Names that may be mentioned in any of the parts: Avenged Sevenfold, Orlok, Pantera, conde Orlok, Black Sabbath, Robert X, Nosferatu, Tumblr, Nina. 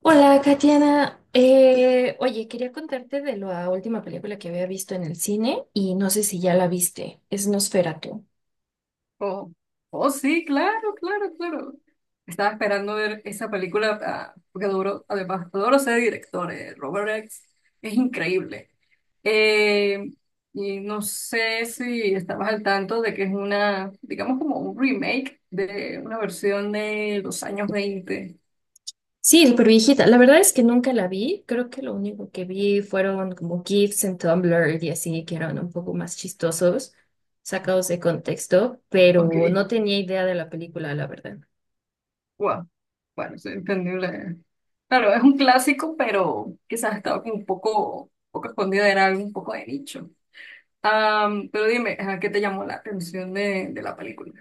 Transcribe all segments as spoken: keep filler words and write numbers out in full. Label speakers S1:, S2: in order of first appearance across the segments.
S1: Hola, Katiana. Eh, oye, quería contarte de la última película que había visto en el cine y no sé si ya la viste. Es Nosferatu.
S2: Oh, oh, sí, claro, claro, claro. Estaba esperando ver esa película, ah, porque adoro, además, adoro ese director, eh, Robert X. Es increíble. Eh, y no sé si estabas al tanto de que es una, digamos, como un remake de una versión de los años veinte.
S1: Sí, súper viejita. La verdad es que nunca la vi. Creo que lo único que vi fueron como GIFs en Tumblr y así, que eran un poco más chistosos, sacados de contexto,
S2: Ok,
S1: pero no tenía idea de la película, la verdad.
S2: wow. Bueno, es entendible. Claro, es un clásico, pero quizás estaba como un poco, un poco escondida, era algo un poco de nicho. Am, pero dime, ajá, ¿qué te llamó la atención de, de la película?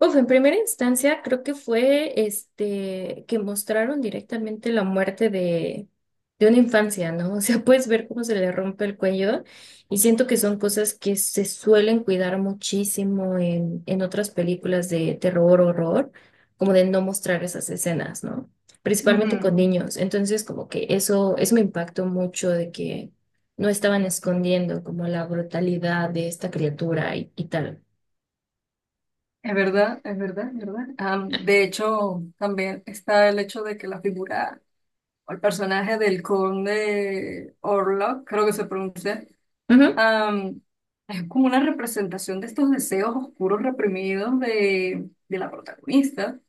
S1: Uf, en primera instancia creo que fue este que mostraron directamente la muerte de, de una infancia, ¿no? O sea, puedes ver cómo se le rompe el cuello y siento que son cosas que se suelen cuidar muchísimo en, en otras películas de terror, horror, como de no mostrar esas escenas, ¿no? Principalmente con
S2: Ujú.
S1: niños. Entonces, como que eso, eso me impactó mucho de que no estaban escondiendo como la brutalidad de esta criatura y, y tal.
S2: Es verdad, es verdad, es verdad. Am, de hecho, también está el hecho de que la figura o el personaje del conde Orlok, creo que se pronuncia,
S1: Ujú.
S2: am, es como una representación de estos deseos oscuros reprimidos de, de la protagonista.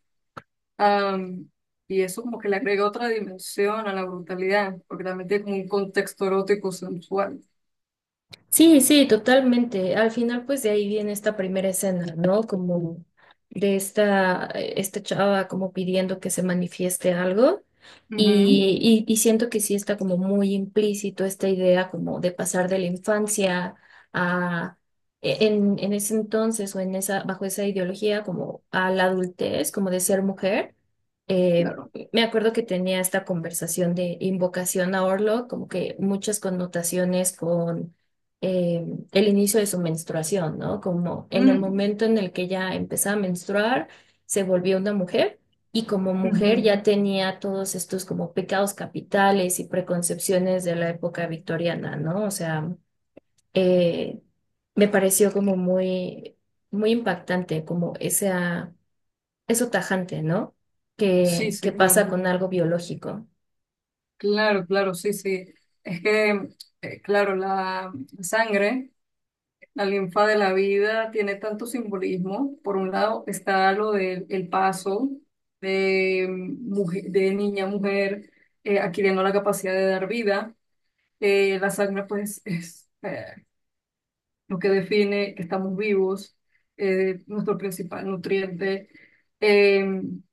S2: Am, y eso como que le agrega otra dimensión a la brutalidad, porque también tiene como un contexto erótico sensual.
S1: Sí, sí, totalmente. Al final, pues de ahí viene esta primera escena, ¿no? Como de esta, eh, esta chava como pidiendo que se manifieste algo.
S2: Ujú.
S1: Y, y, y siento que sí está como muy implícito esta idea como de pasar de la infancia a, e, en, en ese entonces o en esa, bajo esa ideología como a la adultez, como de ser mujer. Eh,
S2: Claro.
S1: me acuerdo que tenía esta conversación de invocación a Orlo, como que muchas connotaciones con eh, el inicio de su menstruación, ¿no? Como en el
S2: Mm.
S1: momento en el que ella empezó a menstruar, se volvió una mujer y como mujer
S2: Ujú.
S1: ya tenía todos estos como pecados capitales y preconcepciones de la época victoriana, ¿no? O sea, eh, me pareció como muy, muy impactante, como esa, eso tajante, ¿no?
S2: Sí,
S1: Que, que
S2: sí,
S1: pasa
S2: claro.
S1: con algo biológico.
S2: Claro, claro, sí, sí. Es que, eh, claro, la sangre, la linfa de la vida tiene tanto simbolismo. Por un lado está lo del el paso de, mujer, de niña a mujer, eh, adquiriendo la capacidad de dar vida. Eh, la sangre, pues, es eh, lo que define que estamos vivos, eh, nuestro principal nutriente. Em,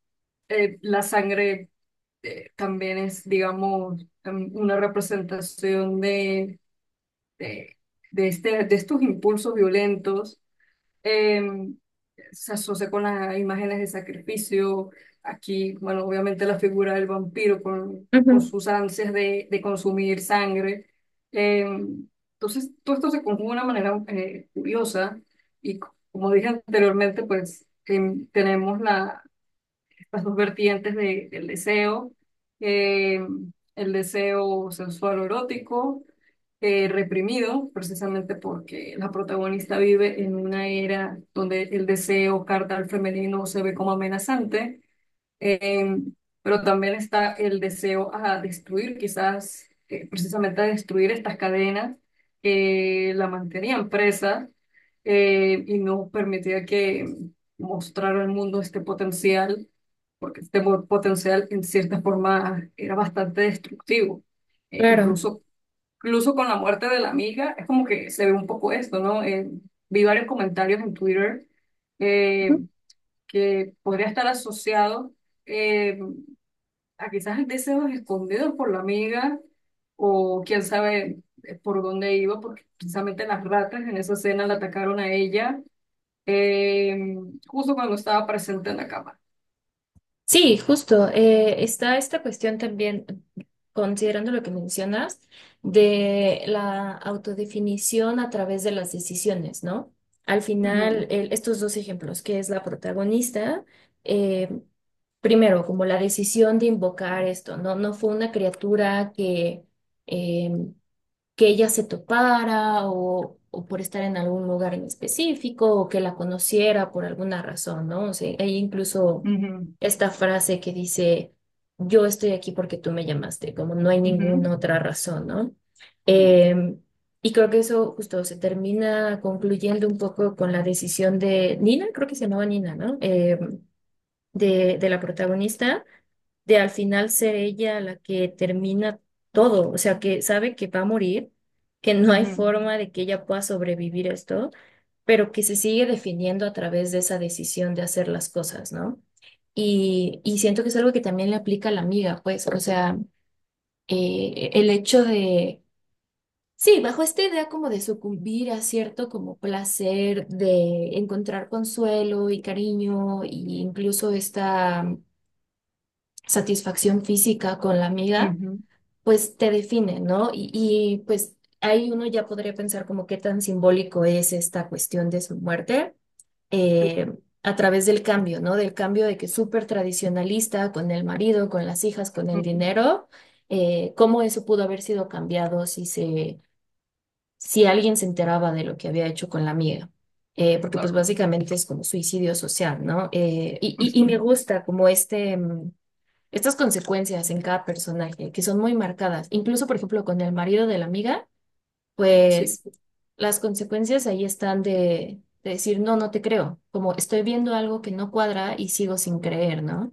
S2: eh, la sangre. Eh, también es, digamos, em, una representación de, de, de este, de estos impulsos violentos. em, se asocia con las imágenes de sacrificio. Aquí, bueno, obviamente la figura del vampiro con, con
S1: Ujú,
S2: sus ansias de, de consumir sangre. Em, entonces, todo esto se conjuga de una manera eh, curiosa y, co- como dije anteriormente, pues em, tenemos la las dos vertientes de- del deseo, eh, el deseo sensual o erótico, eh, reprimido, precisamente porque la protagonista vive en una era donde el deseo carnal femenino se ve como amenazante, eh, pero también está el deseo a destruir, quizás eh, precisamente a destruir estas cadenas que la mantenían presa, eh, y no permitía que mostrara al mundo este potencial porque este po- potencial en cierta forma era bastante destructivo. Eh,
S1: claro.
S2: incluso, incluso con la muerte de la amiga, es como que se ve un poco esto, ¿no? Eh, vi varios comentarios en Twitter, eh, que podría estar asociado eh, a quizás deseos escondidos por la amiga o quién sabe, eh, por dónde iba, porque precisamente las ratas en esa escena la atacaron a ella, eh, justo cuando estaba presente en la cama.
S1: Sí, justo. Eh, está esta cuestión también, considerando lo que mencionas, de la autodefinición a través de las decisiones, ¿no? Al
S2: Ujú,
S1: final, el- estos dos ejemplos, que es la protagonista, eh, primero, como la decisión de invocar esto, ¿no? No fue una criatura que, eh, que ella se topara o, o por estar en algún lugar en específico o que la conociera por alguna razón, ¿no? O sea, hay incluso esta frase que dice, yo estoy aquí porque tú me llamaste, como no hay ninguna
S2: ujú,
S1: otra razón, ¿no?
S2: ujú.
S1: Em, y creo que eso justo se termina concluyendo un poco con la decisión de Nina, creo que se llamaba Nina, ¿no? Em, de, de la protagonista, de al final ser ella la que termina todo, o sea, que sabe que va a morir, que no hay
S2: Ujú,
S1: forma de que ella pueda sobrevivir a esto, pero que se sigue definiendo a través de esa decisión de hacer las cosas, ¿no? Y, y siento que es algo que también le aplica a la amiga, pues, o sea, eh, el hecho de... Sí, bajo esta idea como de sucumbir a cierto como placer, de encontrar consuelo y cariño, e incluso esta satisfacción física con la amiga,
S2: ujú,
S1: pues te define, ¿no? Y, y, pues ahí uno ya podría pensar como qué tan simbólico es esta cuestión de su muerte
S2: tú,
S1: eh, a través del cambio, ¿no? Del cambio de que súper tradicionalista con el marido, con las hijas, con el
S2: ujú,
S1: dinero, eh, cómo eso pudo haber sido cambiado si se, si alguien se enteraba de lo que había hecho con la amiga. Eh, porque pues
S2: claro.
S1: básicamente es como suicidio social, ¿no? Eh, y, y, y me gusta como este, mm, estas consecuencias en cada personaje, que son muy marcadas. Incluso, por ejemplo, con el marido de la amiga,
S2: Sí.
S1: pues las consecuencias ahí están de, de decir, no, no te creo, como estoy viendo algo que no cuadra y sigo sin creer, ¿no?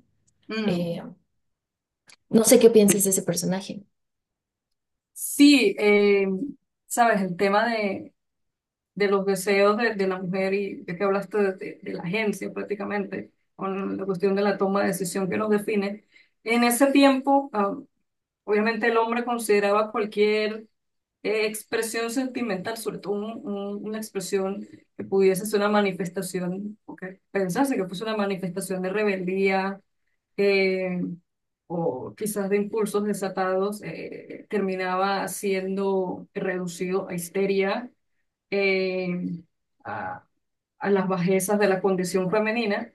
S2: Mm.
S1: Eh, no sé qué pienses de ese personaje.
S2: Sí, eh, sabes, el tema de, de los deseos de, de la mujer y de que hablaste de, de- de la agencia prácticamente, con la cuestión de la toma de decisión que nos define. En ese tiempo, ah, obviamente el hombre consideraba cualquier eh, expresión sentimental, sobre todo un- un- una expresión que pudiese ser una manifestación, o que pensase que fuese una manifestación de rebeldía, eh, o quizás de impulsos desatados, eh, terminaba siendo reducido a histeria, eh, a, a las bajezas de la condición femenina,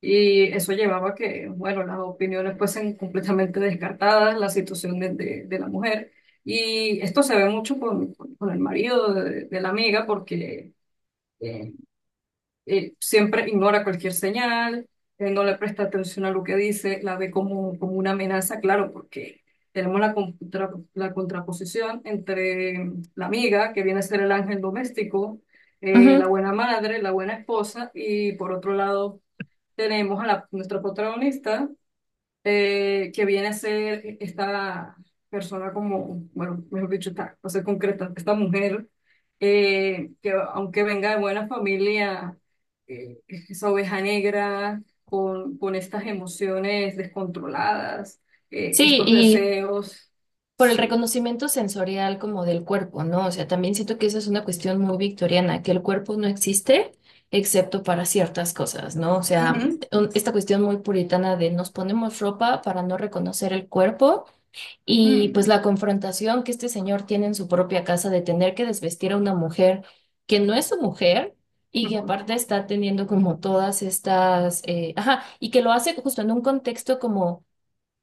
S2: y eso llevaba a que, bueno, las opiniones fuesen completamente descartadas, la situación de, de- de la mujer, y esto se ve mucho con, con- el marido de, de la amiga, porque... eh, eh, siempre ignora cualquier señal, eh, no le presta atención a lo que dice, la ve como, como una amenaza, claro, porque tenemos la, contra- la contraposición entre la amiga, que viene a ser el ángel doméstico, eh, la
S1: Ujú.
S2: buena madre, la buena esposa, y por otro lado tenemos a la- nuestra protagonista, eh, que viene a ser esta persona como, bueno, mejor dicho, esta, o sea, concreta, esta mujer, eh, que aunque venga de buena familia, eh, es esa oveja negra, con, con estas emociones descontroladas, eh,
S1: Sí,
S2: estos
S1: y
S2: deseos,
S1: por el
S2: sí.
S1: reconocimiento sensorial como del cuerpo, ¿no? O sea, también siento que esa es una cuestión muy victoriana, que el cuerpo no existe excepto para ciertas cosas, ¿no? O sea,
S2: Ujú,
S1: un- esta cuestión muy puritana de nos ponemos ropa para no reconocer el cuerpo y
S2: mm,
S1: pues la confrontación que este señor tiene en su propia casa de tener que desvestir a una mujer que no es su mujer y que aparte está teniendo como todas estas, eh, ajá, y que lo hace justo en un contexto como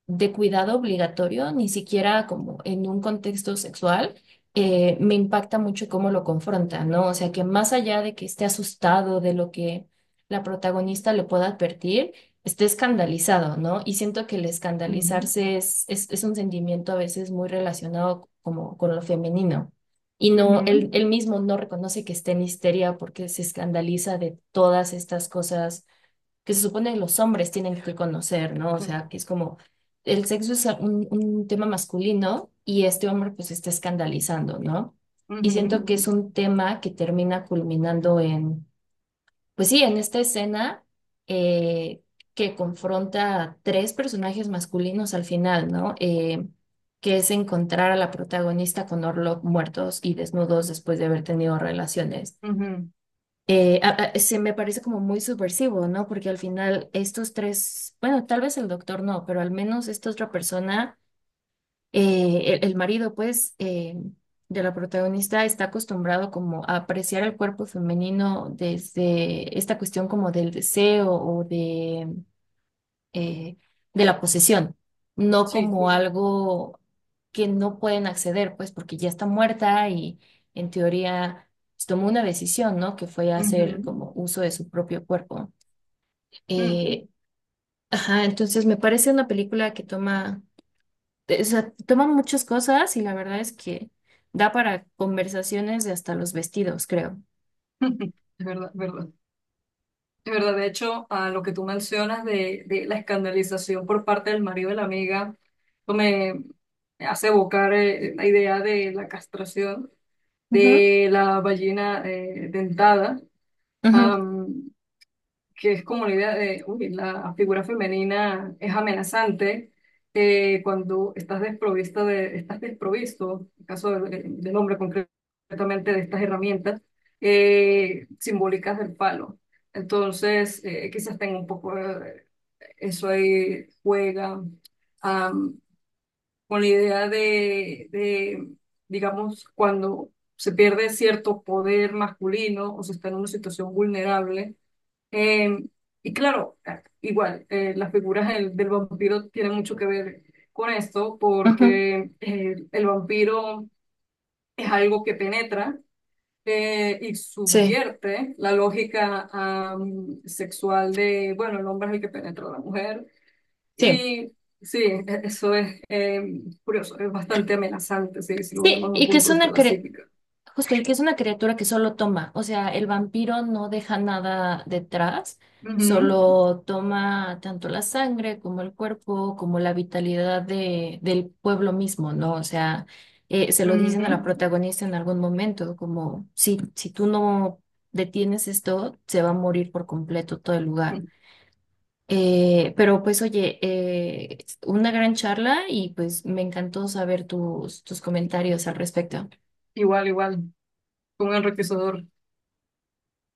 S1: de cuidado obligatorio, ni siquiera como en un contexto sexual, eh, me impacta mucho cómo lo confronta, ¿no? O sea, que más allá de que esté asustado de lo que la protagonista le pueda advertir, esté escandalizado, ¿no? Y siento que el
S2: ujú,
S1: escandalizarse es, es, es un sentimiento a veces muy relacionado como con lo femenino. Y no, él,
S2: ujú,
S1: él mismo no reconoce que esté en histeria porque se escandaliza de todas estas cosas que se supone que los hombres tienen que conocer, ¿no? O
S2: ujú,
S1: sea, que es como el sexo es un, un tema masculino y este hombre pues está escandalizando, ¿no? Y
S2: ujú,
S1: siento que es un tema que termina culminando en, pues sí, en esta escena eh, que confronta a tres personajes masculinos al final, ¿no? Eh, que es encontrar a la protagonista con Orlok muertos y desnudos después de haber tenido relaciones
S2: ujú, ujú,
S1: eh, a- a- Se me parece como muy subversivo, ¿no? Porque al final estos tres, bueno, tal vez el doctor no, pero al menos esta otra persona, eh, el, el marido, pues, eh, de la protagonista está acostumbrado como a apreciar el cuerpo femenino desde esta cuestión como del deseo o de eh, de la posesión, no
S2: sí,
S1: como algo que no pueden acceder, pues porque ya está muerta y en teoría pues, tomó una decisión, ¿no? Que fue hacer
S2: ujú,
S1: como uso de su propio cuerpo.
S2: mm,
S1: Eh, ajá, entonces me parece una película que toma, o sea, toma muchas cosas y la verdad es que da para conversaciones de hasta los vestidos, creo.
S2: es verdad, verdad. Es verdad, de hecho, a lo que tú mencionas de, de la escandalización por parte del marido de la amiga, eso me, me hace evocar, eh, la idea de la castración
S1: Ujú,
S2: de la ballena, eh, dentada,
S1: ujú,
S2: que es como la idea de, uy, la figura femenina es amenazante, eh, cuando estás desprovisto de, estás desprovisto, en el caso de- del hombre concretamente, de estas herramientas, eh, simbólicas del palo. Entonces, eh, quizás tenga un poco, eh, eso ahí, juega, am, con la idea de, de, digamos, cuando se pierde cierto poder masculino o se está en una situación vulnerable, eh, y claro, ah, igual, eh, las figuras del, del vampiro tienen mucho que ver con esto,
S1: Ujú.
S2: porque eh, el vampiro es algo que penetra, eh, y
S1: Sí,
S2: subvierte la lógica, am, sexual de, bueno, el hombre es el que penetra a la mujer.
S1: sí.
S2: Y sí, e- eso es, eh, curioso, es bastante amenazante, sí, si lo vemos
S1: Sí,
S2: desde un
S1: y que es
S2: punto de vista
S1: una,
S2: de la
S1: cre-
S2: psíquica.
S1: Justo, y que es una criatura que solo toma, o sea, el vampiro no deja nada detrás,
S2: Ujú,
S1: solo toma tanto la sangre como el cuerpo, como la vitalidad de, del pueblo mismo, ¿no? O sea, eh, se lo dicen a la
S2: ujú.
S1: protagonista en algún momento, como si, si tú no detienes esto, se va a morir por completo todo el lugar. Eh, pero pues oye, eh, una gran charla y pues me encantó saber tus, tus comentarios al respecto.
S2: Igual, igual, un enriquecedor.